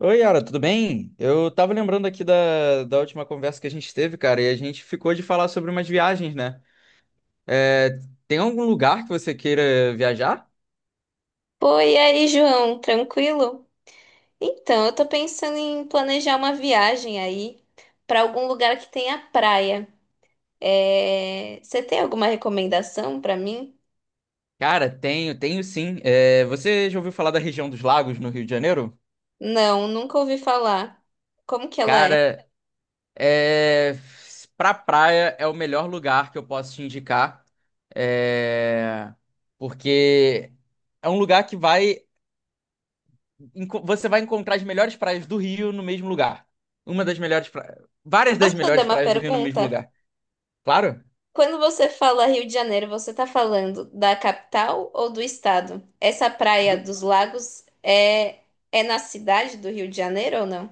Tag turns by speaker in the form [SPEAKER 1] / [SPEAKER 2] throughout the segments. [SPEAKER 1] Oi, Yara, tudo bem? Eu tava lembrando aqui da última conversa que a gente teve, cara, e a gente ficou de falar sobre umas viagens, né? É, tem algum lugar que você queira viajar?
[SPEAKER 2] Oi, e aí, João, tranquilo? Então, eu tô pensando em planejar uma viagem aí pra algum lugar que tenha praia. Você tem alguma recomendação pra mim?
[SPEAKER 1] Cara, tenho, tenho sim. Você já ouviu falar da região dos lagos no Rio de Janeiro?
[SPEAKER 2] Não, nunca ouvi falar. Como que ela é?
[SPEAKER 1] Cara, é, pra praia é o melhor lugar que eu posso te indicar, é, porque é um lugar você vai encontrar as melhores praias do Rio no mesmo lugar. Uma das melhores praias. Várias das
[SPEAKER 2] Posso fazer
[SPEAKER 1] melhores
[SPEAKER 2] uma
[SPEAKER 1] praias do Rio no mesmo
[SPEAKER 2] pergunta?
[SPEAKER 1] lugar. Claro.
[SPEAKER 2] Quando você fala Rio de Janeiro, você tá falando da capital ou do estado? Essa praia
[SPEAKER 1] Du-
[SPEAKER 2] dos lagos é na cidade do Rio de Janeiro ou não?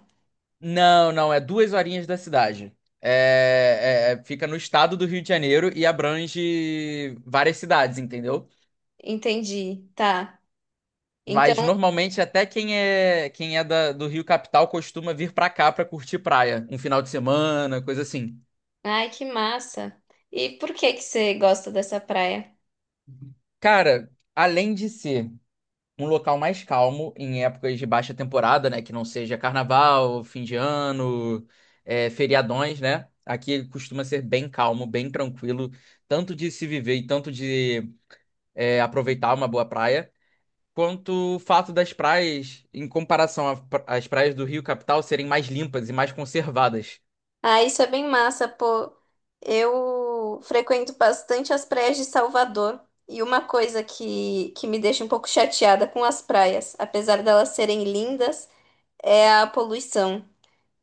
[SPEAKER 1] Não, não, é 2 horinhas da cidade. Fica no estado do Rio de Janeiro e abrange várias cidades, entendeu?
[SPEAKER 2] Entendi, tá. Então.
[SPEAKER 1] Mas normalmente até quem é do Rio Capital costuma vir pra cá pra curtir praia, um final de semana, coisa assim.
[SPEAKER 2] Ai, que massa. E por que que você gosta dessa praia?
[SPEAKER 1] Cara, além de ser um local mais calmo em épocas de baixa temporada, né? Que não seja carnaval, fim de ano, feriadões, né? Aqui costuma ser bem calmo, bem tranquilo, tanto de se viver e tanto de aproveitar uma boa praia, quanto o fato das praias, em comparação às praias do Rio Capital, serem mais limpas e mais conservadas.
[SPEAKER 2] Ah, isso é bem massa, pô. Eu frequento bastante as praias de Salvador. E uma coisa que me deixa um pouco chateada com as praias, apesar delas serem lindas, é a poluição.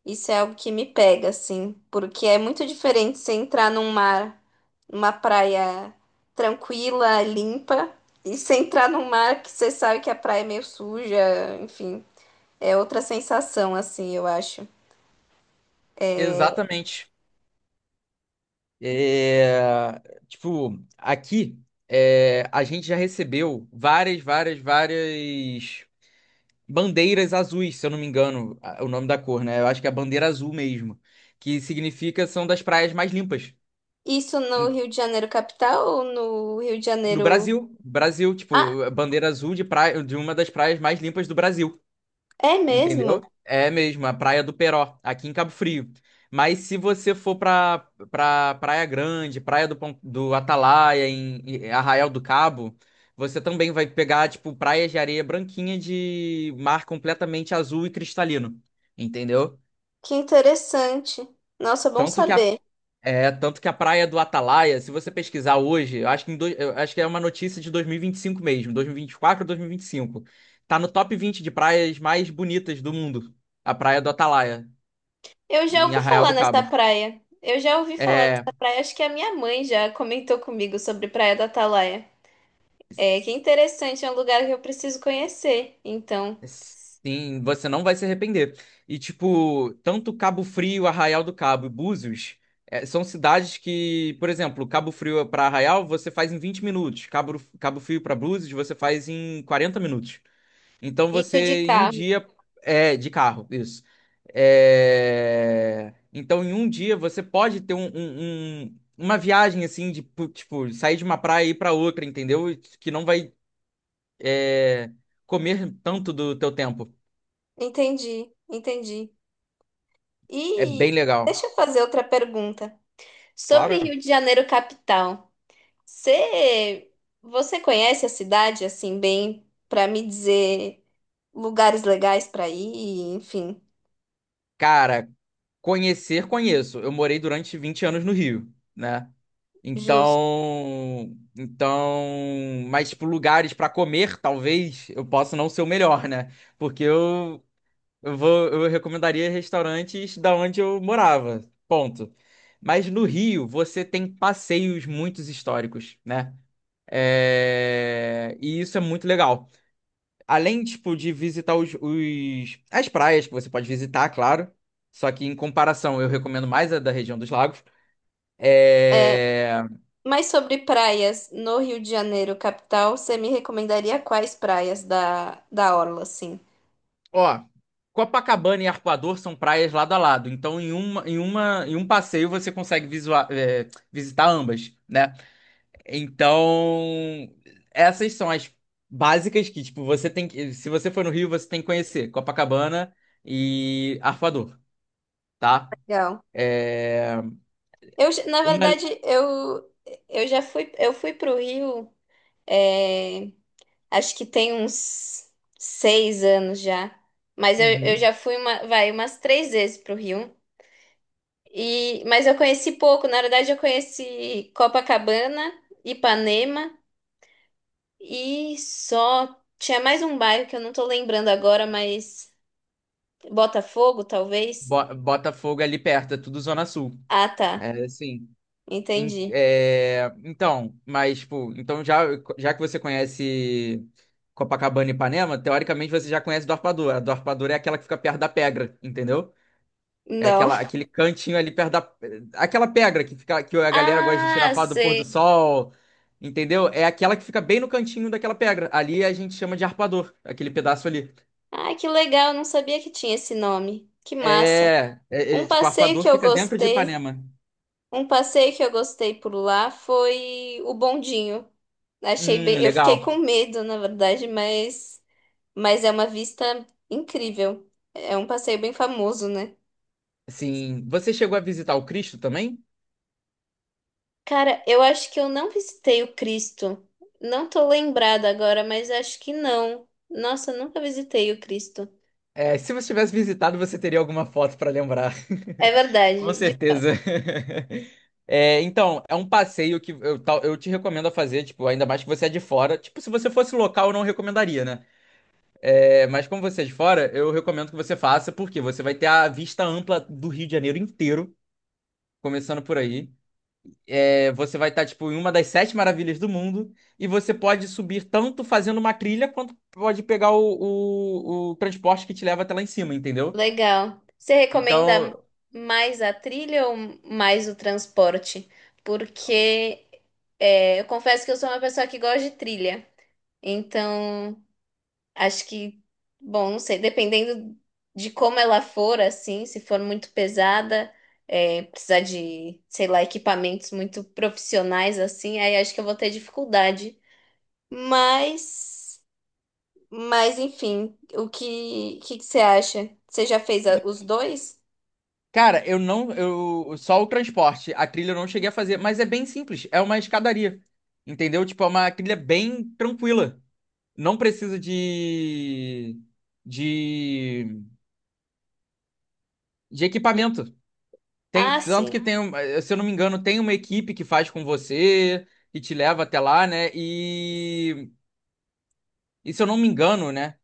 [SPEAKER 2] Isso é algo que me pega, assim, porque é muito diferente você entrar num mar, numa praia tranquila, limpa, e você entrar num mar que você sabe que a praia é meio suja, enfim. É outra sensação, assim, eu acho.
[SPEAKER 1] Exatamente. É, tipo, aqui a gente já recebeu várias, várias, várias bandeiras azuis, se eu não me engano, o nome da cor, né? Eu acho que é a bandeira azul mesmo, que significa são das praias mais limpas.
[SPEAKER 2] Isso no
[SPEAKER 1] Em-
[SPEAKER 2] Rio de Janeiro capital ou no Rio de
[SPEAKER 1] No
[SPEAKER 2] Janeiro?
[SPEAKER 1] Brasil, Brasil,
[SPEAKER 2] Ah,
[SPEAKER 1] tipo, a bandeira azul de praia, de uma das praias mais limpas do Brasil,
[SPEAKER 2] é mesmo?
[SPEAKER 1] entendeu? É mesmo, a Praia do Peró, aqui em Cabo Frio. Mas se você for pra Praia Grande, Praia do Atalaia, em Arraial do Cabo, você também vai pegar, tipo, praias de areia branquinha de mar completamente azul e cristalino, entendeu?
[SPEAKER 2] Que interessante. Nossa, bom
[SPEAKER 1] Tanto que a,
[SPEAKER 2] saber.
[SPEAKER 1] é, tanto que a praia do Atalaia, se você pesquisar hoje, eu acho que é uma notícia de dois mil e vinte e cinco mesmo, 2024 ou 2025. Tá no top 20 de praias mais bonitas do mundo, a praia do Atalaia,
[SPEAKER 2] Eu já
[SPEAKER 1] em
[SPEAKER 2] ouvi
[SPEAKER 1] Arraial
[SPEAKER 2] falar
[SPEAKER 1] do
[SPEAKER 2] nessa
[SPEAKER 1] Cabo.
[SPEAKER 2] praia. Eu já ouvi falar
[SPEAKER 1] É,
[SPEAKER 2] dessa praia. Acho que a minha mãe já comentou comigo sobre Praia da Atalaia. Que interessante, é um lugar que eu preciso conhecer. Então,
[SPEAKER 1] sim, você não vai se arrepender. E, tipo, tanto Cabo Frio, Arraial do Cabo e Búzios, são cidades que, por exemplo, Cabo Frio para Arraial você faz em 20 minutos, Cabo Frio para Búzios você faz em 40 minutos. Então você,
[SPEAKER 2] isso de
[SPEAKER 1] em um
[SPEAKER 2] carro.
[SPEAKER 1] dia, de carro, isso. Então, em um dia, você pode ter uma viagem, assim, tipo, sair de uma praia e ir pra outra, entendeu? Que não vai, é, comer tanto do teu tempo.
[SPEAKER 2] Entendi, entendi.
[SPEAKER 1] É bem
[SPEAKER 2] E
[SPEAKER 1] legal.
[SPEAKER 2] deixa eu fazer outra pergunta sobre
[SPEAKER 1] Claro.
[SPEAKER 2] Rio de Janeiro capital. Você, você conhece a cidade assim bem para me dizer lugares legais para ir, enfim,
[SPEAKER 1] Cara, conhecer, conheço. Eu morei durante 20 anos no Rio, né?
[SPEAKER 2] justo.
[SPEAKER 1] Então, mas tipo, lugares pra comer, talvez eu possa não ser o melhor, né? Porque eu recomendaria restaurantes da onde eu morava, ponto. Mas no Rio, você tem passeios muito históricos, né? E isso é muito legal. Além, tipo, de visitar as praias que você pode visitar, claro. Só que em comparação, eu recomendo mais a da região dos lagos.
[SPEAKER 2] É,
[SPEAKER 1] É...
[SPEAKER 2] mas sobre praias no Rio de Janeiro, capital, você me recomendaria quais praias da orla, assim?
[SPEAKER 1] Ó, Copacabana e Arpoador são praias lado a lado. Então, em um passeio você consegue visitar ambas, né? Então, essas são as básicas que, tipo, você tem que. Se você for no Rio, você tem que conhecer Copacabana e Arpoador, tá?
[SPEAKER 2] Legal.
[SPEAKER 1] É...
[SPEAKER 2] Na
[SPEAKER 1] Uma...
[SPEAKER 2] verdade, eu fui pro Rio, é, acho que tem uns 6 anos já. Mas eu
[SPEAKER 1] Uhum.
[SPEAKER 2] já fui vai, umas três vezes pro Rio. Mas eu conheci pouco, na verdade eu conheci Copacabana, Ipanema e só tinha mais um bairro que eu não tô lembrando agora, mas Botafogo, talvez.
[SPEAKER 1] Botafogo é ali perto, é tudo Zona Sul.
[SPEAKER 2] Ah, tá.
[SPEAKER 1] É assim. em-
[SPEAKER 2] Entendi.
[SPEAKER 1] é, então, mas, tipo, então já, já que você conhece Copacabana e Ipanema, teoricamente você já conhece Dorpadura. A Dorpadura é aquela que fica perto da Pedra, entendeu? É
[SPEAKER 2] Não.
[SPEAKER 1] aquela, aquele cantinho ali perto da. Aquela pedra que fica, que a galera gosta de tirar
[SPEAKER 2] Ah,
[SPEAKER 1] foto do pôr do
[SPEAKER 2] sei.
[SPEAKER 1] sol, entendeu? É aquela que fica bem no cantinho daquela pedra. Ali a gente chama de arpador, aquele pedaço ali.
[SPEAKER 2] Ah, que legal, eu não sabia que tinha esse nome. Que massa.
[SPEAKER 1] É, é, é,
[SPEAKER 2] Um
[SPEAKER 1] tipo,
[SPEAKER 2] passeio
[SPEAKER 1] arpador
[SPEAKER 2] que eu
[SPEAKER 1] fica dentro de
[SPEAKER 2] gostei,
[SPEAKER 1] Ipanema.
[SPEAKER 2] Um passeio que eu gostei por lá foi o bondinho. Achei bem, eu fiquei
[SPEAKER 1] Legal.
[SPEAKER 2] com medo, na verdade, mas é uma vista incrível. É um passeio bem famoso, né?
[SPEAKER 1] Assim, você chegou a visitar o Cristo também?
[SPEAKER 2] Cara, eu acho que eu não visitei o Cristo. Não tô lembrada agora, mas acho que não. Nossa, eu nunca visitei o Cristo.
[SPEAKER 1] Se você tivesse visitado, você teria alguma foto para lembrar.
[SPEAKER 2] É
[SPEAKER 1] Com
[SPEAKER 2] verdade.
[SPEAKER 1] certeza. Então, é um passeio que eu te recomendo a fazer, tipo, ainda mais que você é de fora. Tipo, se você fosse local, eu não recomendaria, né? Mas como você é de fora, eu recomendo que você faça, porque você vai ter a vista ampla do Rio de Janeiro inteiro, começando por aí. Você vai estar, tipo, em uma das sete maravilhas do mundo e você pode subir tanto fazendo uma trilha quanto pode pegar o transporte que te leva até lá em cima, entendeu?
[SPEAKER 2] Legal. Você recomenda
[SPEAKER 1] Então,
[SPEAKER 2] mais a trilha ou mais o transporte? Porque eu confesso que eu sou uma pessoa que gosta de trilha. Então. Acho que, bom, não sei, dependendo de como ela for, assim, se for muito pesada, precisar de, sei lá, equipamentos muito profissionais, assim, aí acho que eu vou ter dificuldade. Mas, enfim, o que, que você acha? Você já fez os dois?
[SPEAKER 1] cara, eu não, eu só o transporte, a trilha eu não cheguei a fazer, mas é bem simples, é uma escadaria, entendeu? Tipo, é uma trilha bem tranquila, não precisa de de equipamento.
[SPEAKER 2] Ah,
[SPEAKER 1] Tem tanto
[SPEAKER 2] sim.
[SPEAKER 1] que tem, se eu não me engano, tem uma equipe que faz com você, que te leva até lá, né? E, se eu não me engano, né?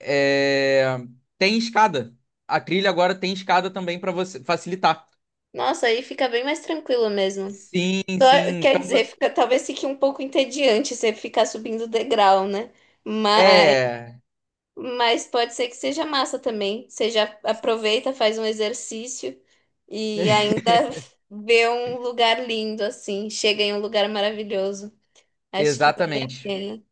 [SPEAKER 1] é, tem escada. A trilha agora tem escada também para você facilitar.
[SPEAKER 2] Nossa, aí fica bem mais tranquilo mesmo.
[SPEAKER 1] Sim, sim.
[SPEAKER 2] Quer
[SPEAKER 1] Então,
[SPEAKER 2] dizer, fica, talvez fique um pouco entediante você ficar subindo o degrau, né? Mas
[SPEAKER 1] é,
[SPEAKER 2] Pode ser que seja massa também. Você já aproveita, faz um exercício e ainda vê um lugar lindo assim. Chega em um lugar maravilhoso. Acho que vale a
[SPEAKER 1] exatamente.
[SPEAKER 2] pena.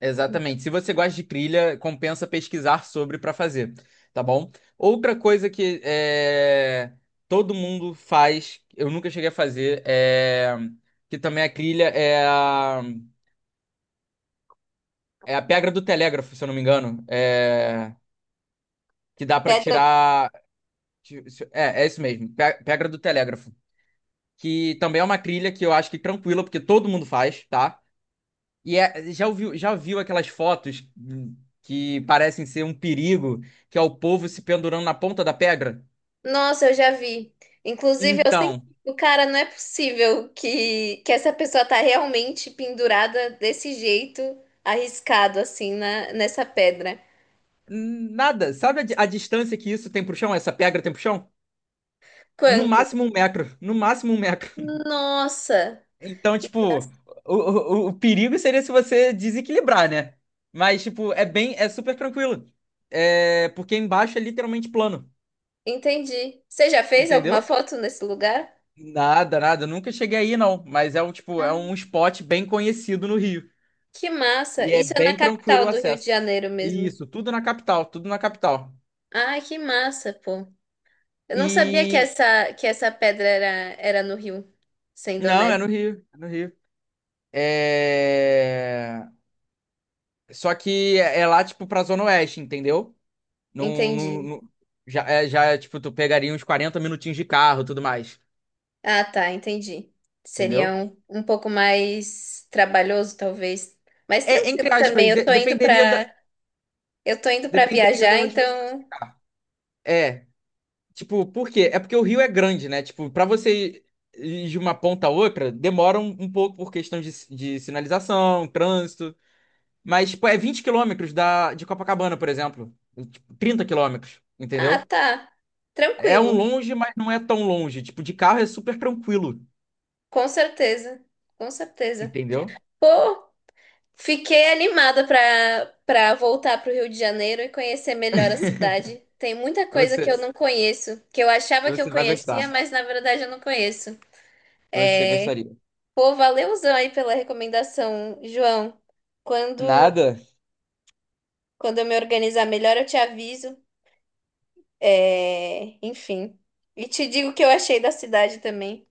[SPEAKER 1] Exatamente. Se você gosta de trilha, compensa pesquisar sobre para fazer, tá bom? Outra coisa que é, todo mundo faz, eu nunca cheguei a fazer, que também é trilha, é a pedra do telégrafo, se eu não me engano, que dá para
[SPEAKER 2] Pedra.
[SPEAKER 1] tirar. É, isso mesmo, pedra do telégrafo. Que também é uma trilha que eu acho que tranquila, porque todo mundo faz, tá? Já ouviu, já viu aquelas fotos que parecem ser um perigo, que é o povo se pendurando na ponta da pedra?
[SPEAKER 2] Nossa, eu já vi. Inclusive, eu sempre.
[SPEAKER 1] Então,
[SPEAKER 2] O cara, não é possível que essa pessoa tá realmente pendurada desse jeito, arriscado assim nessa pedra.
[SPEAKER 1] nada. Sabe a distância que isso tem pro chão? Essa pedra tem pro chão? No
[SPEAKER 2] Quanto?
[SPEAKER 1] máximo 1 metro. No máximo 1 metro.
[SPEAKER 2] Nossa,
[SPEAKER 1] Então, tipo, o perigo seria se você desequilibrar, né? Mas, tipo, é bem, é super tranquilo. É, porque embaixo é literalmente plano,
[SPEAKER 2] entendi. Você já fez alguma
[SPEAKER 1] entendeu?
[SPEAKER 2] foto nesse lugar?
[SPEAKER 1] Nada, nada. Eu nunca cheguei aí, não. Mas é um, tipo,
[SPEAKER 2] Ah,
[SPEAKER 1] é um spot bem conhecido no Rio.
[SPEAKER 2] que massa!
[SPEAKER 1] E é
[SPEAKER 2] Isso é na
[SPEAKER 1] bem tranquilo
[SPEAKER 2] capital
[SPEAKER 1] o
[SPEAKER 2] do Rio de
[SPEAKER 1] acesso.
[SPEAKER 2] Janeiro mesmo.
[SPEAKER 1] Isso, tudo na capital, tudo na capital.
[SPEAKER 2] Ah, que massa, pô. Eu não sabia que
[SPEAKER 1] E
[SPEAKER 2] essa pedra era no Rio, sendo
[SPEAKER 1] não, é
[SPEAKER 2] honesto.
[SPEAKER 1] no Rio, é no Rio. É só que é lá tipo pra Zona Oeste, entendeu? Não, não,
[SPEAKER 2] Entendi.
[SPEAKER 1] já é, tipo tu pegaria uns 40 minutinhos de carro, tudo mais,
[SPEAKER 2] Ah, tá, entendi. Seria
[SPEAKER 1] entendeu?
[SPEAKER 2] um, pouco mais trabalhoso, talvez. Mas
[SPEAKER 1] É,
[SPEAKER 2] tranquilo
[SPEAKER 1] entre
[SPEAKER 2] também.
[SPEAKER 1] aspas, dependeria da
[SPEAKER 2] Eu tô indo pra
[SPEAKER 1] dependeria da
[SPEAKER 2] viajar,
[SPEAKER 1] onde você fosse
[SPEAKER 2] então.
[SPEAKER 1] ficar. É, Tipo por quê? É porque o rio é grande, né? Tipo, pra você ir de uma ponta a outra, demora um pouco por questão de sinalização, trânsito. Mas, tipo, é 20 quilômetros da, de Copacabana, por exemplo. Tipo, 30 quilômetros,
[SPEAKER 2] Ah,
[SPEAKER 1] entendeu?
[SPEAKER 2] tá.
[SPEAKER 1] É um
[SPEAKER 2] Tranquilo.
[SPEAKER 1] longe, mas não é tão longe. Tipo, de carro é super tranquilo,
[SPEAKER 2] Com certeza. Com certeza.
[SPEAKER 1] entendeu?
[SPEAKER 2] Pô, fiquei animada para voltar para o Rio de Janeiro e conhecer melhor a cidade. Tem muita coisa que eu
[SPEAKER 1] Você,
[SPEAKER 2] não conheço, que eu achava que eu
[SPEAKER 1] você vai
[SPEAKER 2] conhecia,
[SPEAKER 1] gostar.
[SPEAKER 2] mas na verdade eu não conheço.
[SPEAKER 1] Você gostaria.
[SPEAKER 2] Pô, valeuzão aí pela recomendação, João. Quando
[SPEAKER 1] Nada?
[SPEAKER 2] Quando eu me organizar melhor, eu te aviso. Enfim, e te digo o que eu achei da cidade também.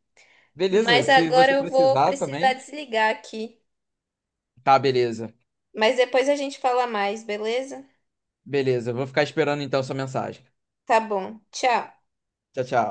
[SPEAKER 1] Beleza,
[SPEAKER 2] Mas
[SPEAKER 1] se
[SPEAKER 2] agora
[SPEAKER 1] você
[SPEAKER 2] eu vou
[SPEAKER 1] precisar
[SPEAKER 2] precisar
[SPEAKER 1] também.
[SPEAKER 2] desligar aqui.
[SPEAKER 1] Tá, beleza.
[SPEAKER 2] Mas depois a gente fala mais, beleza?
[SPEAKER 1] Beleza, eu vou ficar esperando então sua mensagem.
[SPEAKER 2] Tá bom. Tchau.
[SPEAKER 1] Tchau, tchau.